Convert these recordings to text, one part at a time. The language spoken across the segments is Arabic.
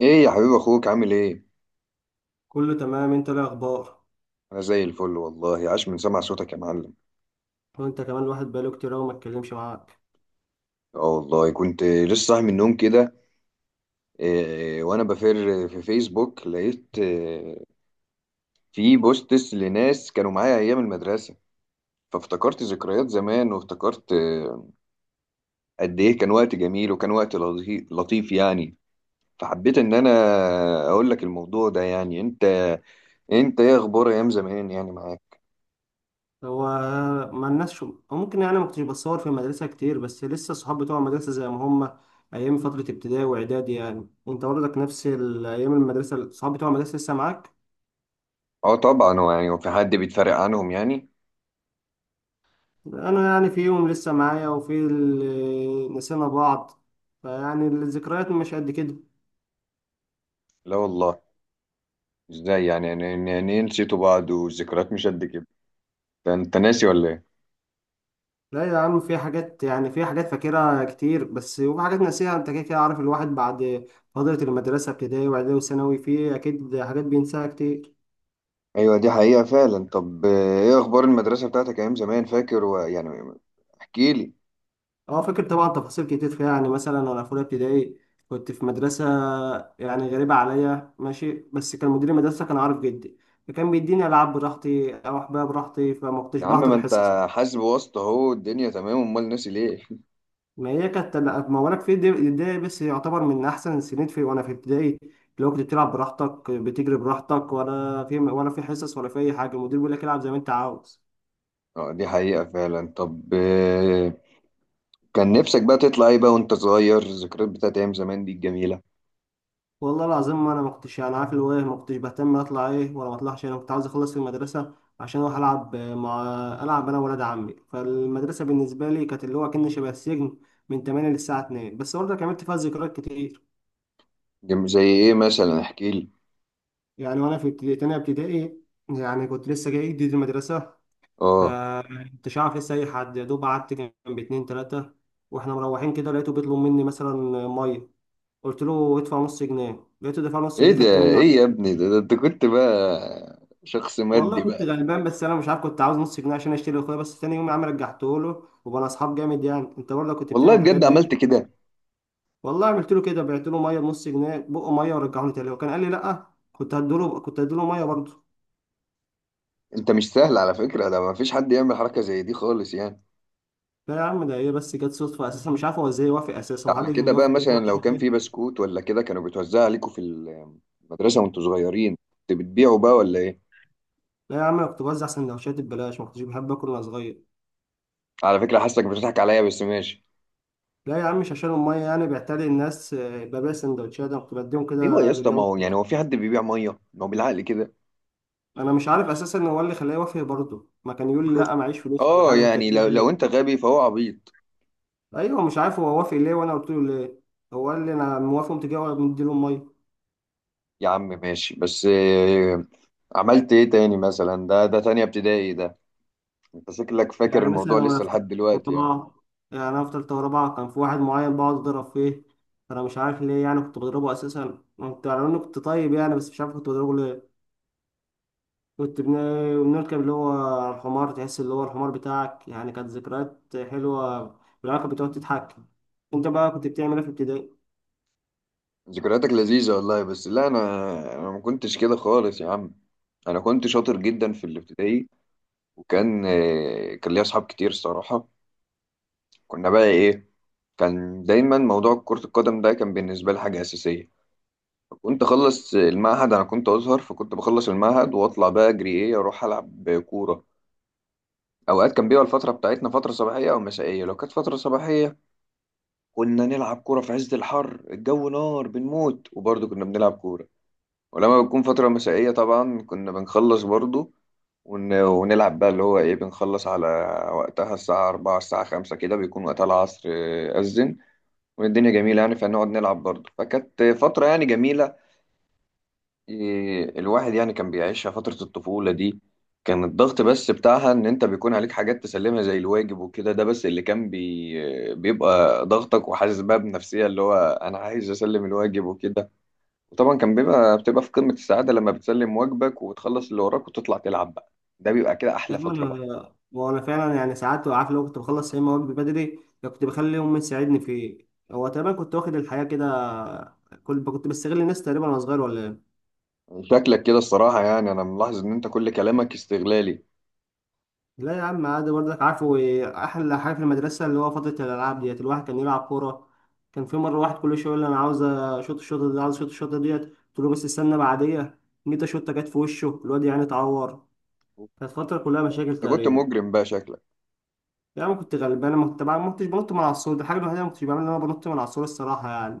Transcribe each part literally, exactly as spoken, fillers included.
ايه يا حبيب اخوك عامل ايه؟ كله تمام، انت ايه الاخبار؟ انا زي الفل والله. عاش من سمع صوتك يا معلم. وانت كمان، الواحد بقاله كتير قوي ما اتكلمش معاك. اه والله كنت لسه صاحي من النوم كده. إيه، وانا بفر في فيسبوك لقيت إيه؟ في بوستس لناس كانوا معايا ايام المدرسه. فافتكرت ذكريات زمان وافتكرت إيه؟ قد ايه كان وقت جميل! وكان وقت لطي- لطيف يعني. فحبيت ان انا اقول لك الموضوع ده. يعني انت انت ايه اخبار ايام زمان يعني معاك؟ هو ما الناس شو أو ممكن يعني ما كنتش بتصور في المدرسه كتير، بس لسه الصحاب بتوع المدرسه زي ما هم. ايام فتره ابتدائي واعدادي، يعني انت برضك نفس ال- ايام المدرسه الصحاب بتوع المدرسه لسه معاك. اه طبعا. هو يعني هو في حد بيتفرق عنهم يعني؟ انا يعني فيهم لسه معايا وفي اللي نسينا بعض، فيعني الذكريات مش قد كده. لا والله. ازاي يعني يعني يعني يعني إيه نسيتوا بعض والذكريات مش قد كده؟ ده انت ناسي ولا ايه؟ لا يا عم، في حاجات يعني في حاجات فاكرها كتير، بس وفي حاجات ناسيها. انت كده كده عارف الواحد بعد فترة المدرسة ابتدائي واعدادي وثانوي في اكيد حاجات بينساها كتير. ايوه دي حقيقة فعلا. طب آه، ايه اخبار المدرسة بتاعتك ايام زمان؟ فاكر و... يعني احكي لي. اه فاكر طبعا تفاصيل كتير فيها. يعني مثلا انا في اولى ابتدائي كنت في مدرسة يعني غريبة عليا، ماشي، بس كان مدير المدرسة كان عارف جدي، فكان بيديني العاب براحتي، اروح بيها براحتي، فما كنتش يا عم ما بحضر انت حصص. حاسب واسطة اهو. الدنيا تمام. امال ناسي ليه؟ ما هي كانت، لا، ما وانا في ابتدائي بس يعتبر من احسن السنين في وانا في ابتدائي، اللي هو كنت بتلعب براحتك، بتجري براحتك، ولا في ولا في حصص ولا في اي حاجه، المدير بيقول لك العب زي ما انت عاوز. اه دي حقيقة فعلا. طب آه، كان نفسك بقى تطلع ايه بقى وانت صغير؟ الذكريات بتاعت ايام زمان دي الجميلة. والله العظيم ما انا ما كنتش يعني عارف اللي هو إيه، ما كنتش بهتم اطلع ايه ولا ما اطلعش. انا كنت عاوز اخلص في المدرسه عشان اروح العب مع، العب انا وولاد عمي. فالمدرسه بالنسبه لي كانت اللي هو كأن شبه السجن من تمانية للساعه اتنين، بس برضه كملت فيها ذكريات كتير. جم... زي ايه مثلا؟ احكي لي. يعني وانا في ابتدائي، تانية ابتدائي يعني، كنت لسه جاي جديد المدرسه، اه، فمكنتش عارف لسه اي حد، يا دوب قعدت جنب اتنين تلاتة. واحنا مروحين كده لقيته بيطلب مني مثلا ميه، قلت له ادفع نص جنيه، لقيته دفع نص ايه جنيه، ده؟ خدته منه. ايه يا ابني ده، ده انت كنت بقى شخص والله مادي كنت بقى؟ غلبان، بس انا مش عارف كنت عاوز نص جنيه عشان اشتري اخويا، بس تاني يوم يا عم رجعته له وبقى اصحاب جامد. يعني انت برضه كنت والله بتعمل الحاجات بجد دي. عملت كده؟ والله عملت له كده، بعت له ميه بنص جنيه، بقه ميه ورجعه لي تاني وكان قال لي لا، كنت هديله كنت هديله ميه برضه. انت مش سهل على فكرة. ده ما فيش حد يعمل حركة زي دي خالص يعني. لا يا عم، ده هي بس جت صدفه اساسا، مش عارف هو ازاي وافق اساسا، ده هو على حد كان كده بقى، بيوافق مثلا لو كان في ليه؟ بسكوت ولا كده كانوا بيتوزع عليكم في المدرسة وانتوا صغيرين، كنت بتبيعوا بقى ولا ايه؟ لا يا عم، أنا كنت بوزع سندوتشات ببلاش، ما كنتش بحب آكل وأنا صغير. على فكرة حاسك بتضحك عليا، بس ماشي. لا يا عم، مش عشان أمي يعني بيعتري الناس آه، ببيع سندوتشات، أنا كنت بديهم ايوه يا كده اسطى، لله ما هو يعني والدكتور. هو في حد بيبيع مية؟ ما هو بالعقل كده. أنا مش عارف أساسا هو اللي خلاه يوافق برضه، ما كان يقول لي لا معيش فلوس ولا اه حاجة وأنت يعني لو هتديني لو ليه. انت غبي فهو عبيط. أيوه مش عارف هو وافق ليه وأنا قلت له ليه. هو قال لي أنا موافق، ومتجوز ومديله أمي. يا عم ماشي. بس آه، عملت ايه تاني مثلا؟ ده ده تانية ابتدائي ده، انت شكلك فاكر يعني الموضوع مثلا وأنا لسه في تالتة لحد دلوقتي يعني. ورابعة، يعني أنا في تالتة ورابعة كان في واحد معين بقعد أضرب فيه، أنا مش عارف ليه. يعني كنت بضربه أساسا، كنت على إنه كنت طيب يعني، بس مش عارف كنت بضربه ليه. كنت بن- بنركب اللي هو الحمار، تحس اللي هو الحمار بتاعك. يعني كانت ذكريات حلوة، بالعلاقة بتقعد تضحك. انت بقى كنت بتعمل ايه في ابتدائي؟ ذكرياتك لذيذة والله. بس لا، أنا أنا ما كنتش كده خالص يا عم. أنا كنت شاطر جدا في الابتدائي. وكان آه، كان ليا أصحاب كتير الصراحة. كنا بقى إيه، كان دايما موضوع كرة القدم ده كان بالنسبة لي حاجة أساسية. كنت أخلص المعهد، أنا كنت أزهر، فكنت بخلص المعهد وأطلع بقى أجري، إيه، أروح ألعب كورة. أوقات كان بيبقى الفترة بتاعتنا فترة صباحية أو مسائية. لو كانت فترة صباحية كنا نلعب كورة في عز الحر، الجو نار بنموت، وبرضه كنا بنلعب كورة. ولما بتكون فترة مسائية طبعا كنا بنخلص برضو، ون... ونلعب بقى اللي هو ايه. بنخلص على وقتها الساعة أربعة الساعة خمسة كده، بيكون وقتها العصر، آه، أذن والدنيا جميلة يعني، فنقعد نلعب برضو، فكانت فترة يعني جميلة. إيه، الواحد يعني كان بيعيشها فترة الطفولة دي. كان الضغط بس بتاعها إن أنت بيكون عليك حاجات تسلمها زي الواجب وكده. ده بس اللي كان بي... بيبقى ضغطك، وحاسس بقى بنفسية اللي هو أنا عايز أسلم الواجب وكده. وطبعا كان بيبقى بتبقى في قمة السعادة لما بتسلم واجبك وتخلص اللي وراك وتطلع تلعب بقى. ده بيبقى كده يا أحلى عم فترة بقى. انا وانا فعلا يعني ساعات عارف لو كنت بخلص يا اما واجبي بدري، يا كنت بخلي امي تساعدني فيه. هو تقريبا كنت واخد الحياة كده، كنت كنت بستغل الناس تقريبا وانا صغير ولا إيه؟ شكلك كده الصراحة يعني، أنا ملاحظ إن أنت كل كلامك استغلالي. لا يا عم عادي، برضك عارفه إيه، احلى حاجه في المدرسه اللي هو فتره الالعاب ديت، الواحد كان يلعب كوره. كان في مره واحد كل شويه يقول لي انا عاوز اشوط الشوطه دي، عاوز اشوط الشوطه ديت، قلت له بس استنى بعديه. جيت اشوطه، جت في وشه الواد، يعني اتعور. كانت فتره كلها مشاكل أنت كنت تقريبا. مجرم بقى شكلك. يعني كنت غلبان، ما كنت ما كنتش بنط من على السور، دي الحاجه الوحيده اللي ما كنتش بعملها ان انا بنط من على السور الصراحه يعني.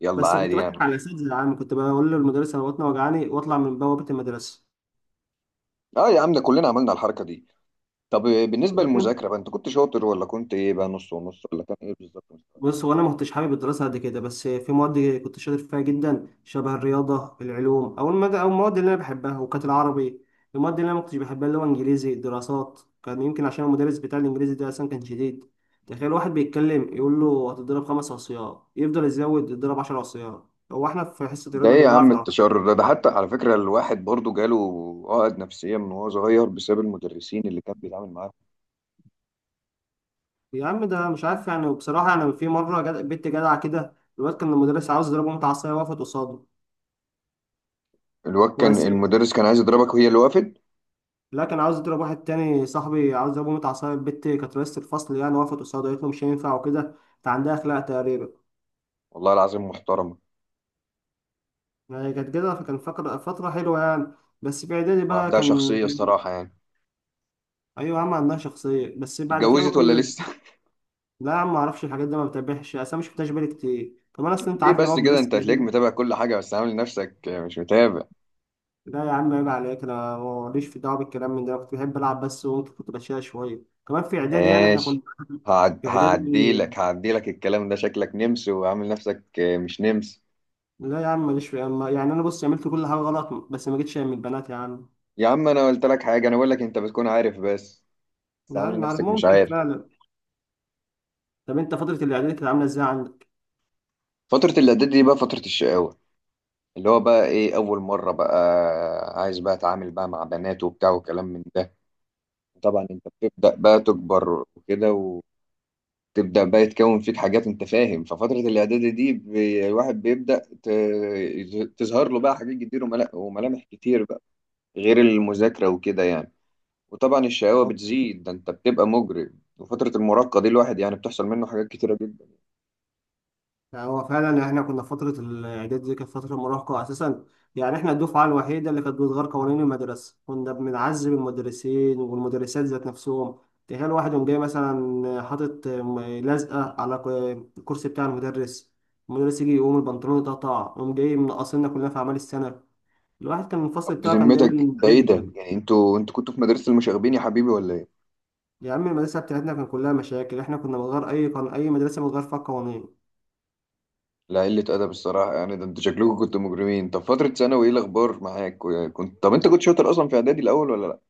يلا بس كنت عادي بضحك يعني. على الاساتذه يا عم، كنت بقول للمدرس انا بطني وجعاني واطلع من بوابه المدرسه. أه يا عم، ده كلنا عملنا الحركة دي. طب بالنسبة للمذاكرة بقى، أنت كنت شاطر ولا كنت إيه بقى، نص ونص، ولا كان إيه بالظبط مستواك؟ بص، هو انا ما كنتش حابب الدراسه قد كده، بس في مواد كنت شاطر فيها جدا، شبه الرياضه العلوم او المد... او المواد اللي انا بحبها وكانت العربي. المواد اللي انا ما كنتش بحبها اللي هو انجليزي دراسات، كان يمكن عشان المدرس بتاع الانجليزي ده اصلا كان شديد. تخيل واحد بيتكلم يقول له هتضرب خمس عصيان، يفضل يزود يضرب عشر عصيان. هو احنا في حصه ده الرياضه إيه يا بيضاعف عم العربي. التشرر ده؟ ده حتى على فكرة الواحد برضه جاله عقد نفسية من وهو صغير بسبب المدرسين اللي كان بيتعامل معاهم. يا عم ده مش عارف يعني. وبصراحه انا في مره جد... بنت جدعه كده، الواد كان المدرس عاوز يضربه متعصيه، وقفت قصاده. الواد كان المدرس كان عايز يضربك وهي اللي وقفت؟ لا، كان عاوز يضرب واحد تاني صاحبي، عاوز يضربه متعة عصاية، البت كانت رئيسة الفصل يعني، وقفت قصاده قالت له مش هينفع وكده. انت عندها أخلاق تقريبا. والله العظيم محترم. يعني كانت كده، فكان فقر- فترة حلوة يعني. بس في إعدادي بقى وعندها كان. شخصية الصراحة يعني. أيوة يا عم عندها شخصية، بس بعد كده بقى اتجوزت ولا كل. لسه؟ لا يا عم معرفش الحاجات دي، ما بتابعش، أصل أنا مش بتابعش بالي كتير كمان، أصل أنت ليه عارف اللي بس هو في كده؟ انت مدرسة هتلاقيك إعدادي. متابع كل حاجة بس عامل نفسك مش متابع. لا يا عم عيب عليك، أنا ماليش في دعوة بالكلام من ده، أنا كنت بحب ألعب بس، وكنت كنت بشيلها شوية كمان في إعدادي. يعني إحنا كنا ماشي. هعد... في إعدادي. هعديلك هعديلك الكلام ده. شكلك نمس وعامل نفسك مش نمس. لا يا عم ماليش في أما يعني، انا بص عملت كل حاجه غلط، بس ما جيتش يعني من البنات يا عم. يا عم انا قلت لك حاجة، انا بقول لك انت بتكون عارف بس، بس يا عامل عم عارف، نفسك مش ممكن عارف. فعلا. طب انت فتره الاعداد كانت عامله ازاي عندك؟ فترة الاعداد دي بقى فترة الشقاوة، اللي هو بقى ايه، اول مرة بقى عايز بقى اتعامل بقى مع بنات وبتاع وكلام من ده. طبعا انت بتبدأ بقى تكبر وكده، تبدأ بقى يتكون فيك حاجات انت فاهم. ففترة الاعدادي دي بي- الواحد بيبدأ ت- تظهر له بقى حاجات كتير وملا- وملامح كتير بقى، غير المذاكرة وكده يعني. وطبعا الشقاوة أه. بتزيد، ده انت بتبقى مجرم. وفترة المراهقة دي الواحد يعني بتحصل منه حاجات كتيرة جدا. يعني هو فعلا احنا كنا فتره الاعداد دي كانت فتره مراهقه اساسا. يعني احنا الدفعه الوحيده اللي كانت بتغير قوانين المدرسه، كنا بنعذب المدرسين والمدرسات ذات نفسهم. تخيل واحد يوم جاي مثلا حاطط م- لزقه على ك- الكرسي بتاع المدرس، المدرس يجي يقوم البنطلون يتقطع، يقوم جاي منقصنا كلنا في اعمال السنه. الواحد كان الفصل طب بتاعه كان بذمتك دايما ده ايه قليل ده؟ جداً. يعني انتوا انتوا كنتوا في مدرسة المشاغبين يا حبيبي ولا ايه؟ يا عم المدرسة بتاعتنا كان كلها مشاكل، احنا كنا بنغير أي قانون، أي مدرسة بتغير فيها القوانين. لا قلة أدب الصراحة يعني. ده انتوا شكلكم كنتوا مجرمين. طب فترة ثانوي ايه الأخبار معاك؟ كنت طب انت كنت شاطر أصلا في إعدادي الأول ولا لا؟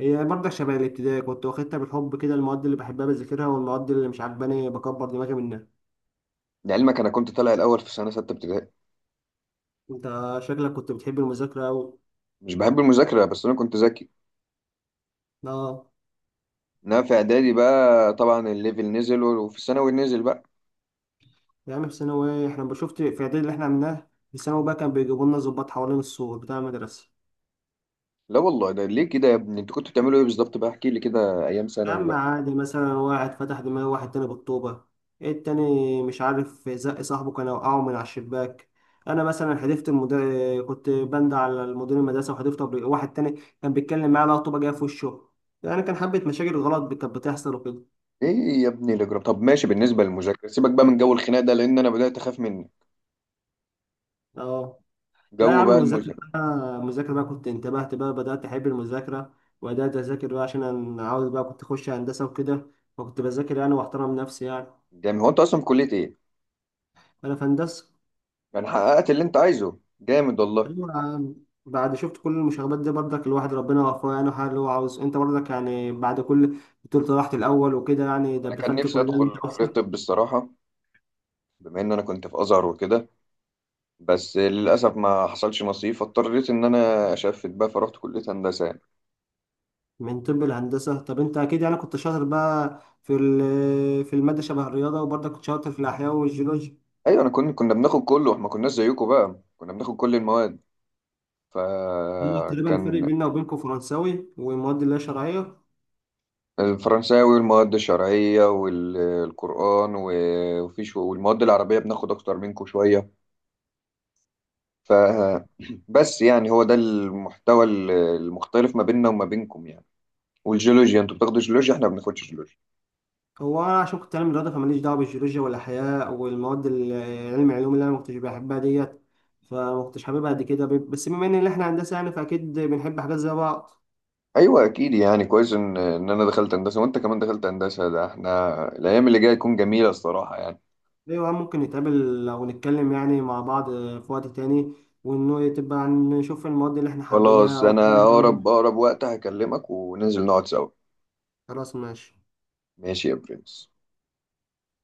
هي برضه شبه الابتدائي، كنت واخدتها بالحب كده، المواد اللي بحبها بذاكرها والمواد اللي مش عجباني بكبر دماغي منها. لعلمك أنا كنت طالع الأول في سنة ستة ابتدائي. انت شكلك كنت بتحب المذاكرة أوي. مش بحب المذاكرة، بس أنا كنت ذكي. اه إنما في إعدادي بقى طبعا الليفل نزل، وفي الثانوي نزل بقى. يا عم في ثانوي احنا شفت، في إعدادي اللي احنا عملناه في ثانوي بقى، كان بيجيبوا لنا ضباط حوالين السور بتاع المدرسة. لا والله، ده ليه كده يا ابني؟ أنتوا كنتوا بتعملوا إيه بالظبط بقى؟ احكي لي كده أيام يا ثانوي عم بقى. عادي، مثلا واحد فتح دماغ واحد تاني بالطوبة، التاني مش عارف زق صاحبه كان وقعه من على الشباك. أنا مثلا حدفت المدير، كنت بند على المدير المدرسة وحدفت قبل- واحد تاني كان بيتكلم معايا لقى طوبة جاية في وشه. يعني كان حبة مشاكل غلط كانت بتحصل وكده. إيه يا ابني الإجرام! طب ماشي، بالنسبة للمذاكرة سيبك بقى من جو الخناق ده لأن أنا بدأت أخاف منه. اه. لا يا جو عم بقى المذاكرة المذاكرة. بقى، المذاكرة بقى كنت انتبهت بقى بدأت أحب المذاكرة، وبدأت أذاكر بقى عشان أنا عاوز بقى كنت أخش هندسة وكده، فكنت بذاكر يعني وأحترم نفسي يعني. جامد. هو أنت أصلا في كلية إيه؟ أنا في هندسة. يعني حققت اللي أنت عايزه، جامد والله. أيوة يا عم. بعد شفت كل المشاغبات دي برضك الواحد ربنا وفقه يعني، وحقق اللي هو عاوزه. انت برضك يعني بعد كل، بتقول طلعت الاول وكده يعني، ده أنا كان دخلت نفسي كليه اللي انت أدخل كلية عاوزها. طب الصراحة، بما إن أنا كنت في أزهر وكده. بس للأسف ما حصلش نصيب، فاضطريت إن أنا أشفت بقى، فرحت كلية هندسة. من طب الهندسه، طب انت اكيد يعني كنت شاطر بقى في ال- في الماده شبه الرياضه، وبرضك كنت شاطر في الاحياء والجيولوجيا. ايوه انا كنا كنا بناخد كله، احنا ما كناش زيكم بقى، كنا بناخد كل المواد. هو تقريبا الفرق فكان بيننا وبينكم فرنساوي ومواد اللي هي شرعيه. الفرنساوي والمواد الشرعيه والقران وفيش، والمواد العربيه بناخد اكتر منكم شويه. ف بس يعني هو ده المحتوى ال- المختلف ما بيننا وما بينكم يعني. والجيولوجيا انتوا بتاخدوا جيولوجيا، احنا ما بناخدش جيولوجيا. هو انا عشان كنت علم رياضه، فماليش دعوه بالجيولوجيا والاحياء والمواد ال- علم العلوم اللي انا ما كنتش بحبها ديت، فما كنتش حاببها قد كده ب- بس بما ان احنا هندسه يعني فاكيد بنحب حاجات زي بعض. ايوه اكيد يعني، كويس ان ان انا دخلت هندسه وانت كمان دخلت هندسه، ده احنا الايام اللي جايه تكون جميله الصراحه يعني. ايوه ممكن نتقابل او نتكلم يعني مع بعض في وقت تاني، وانه تبقى نشوف المواد اللي احنا حابينها خلاص، او الحاجات انا اللي اقرب إحنا-. اقرب وقت هكلمك وننزل نقعد سوا. خلاص ماشي. ماشي يا برنس.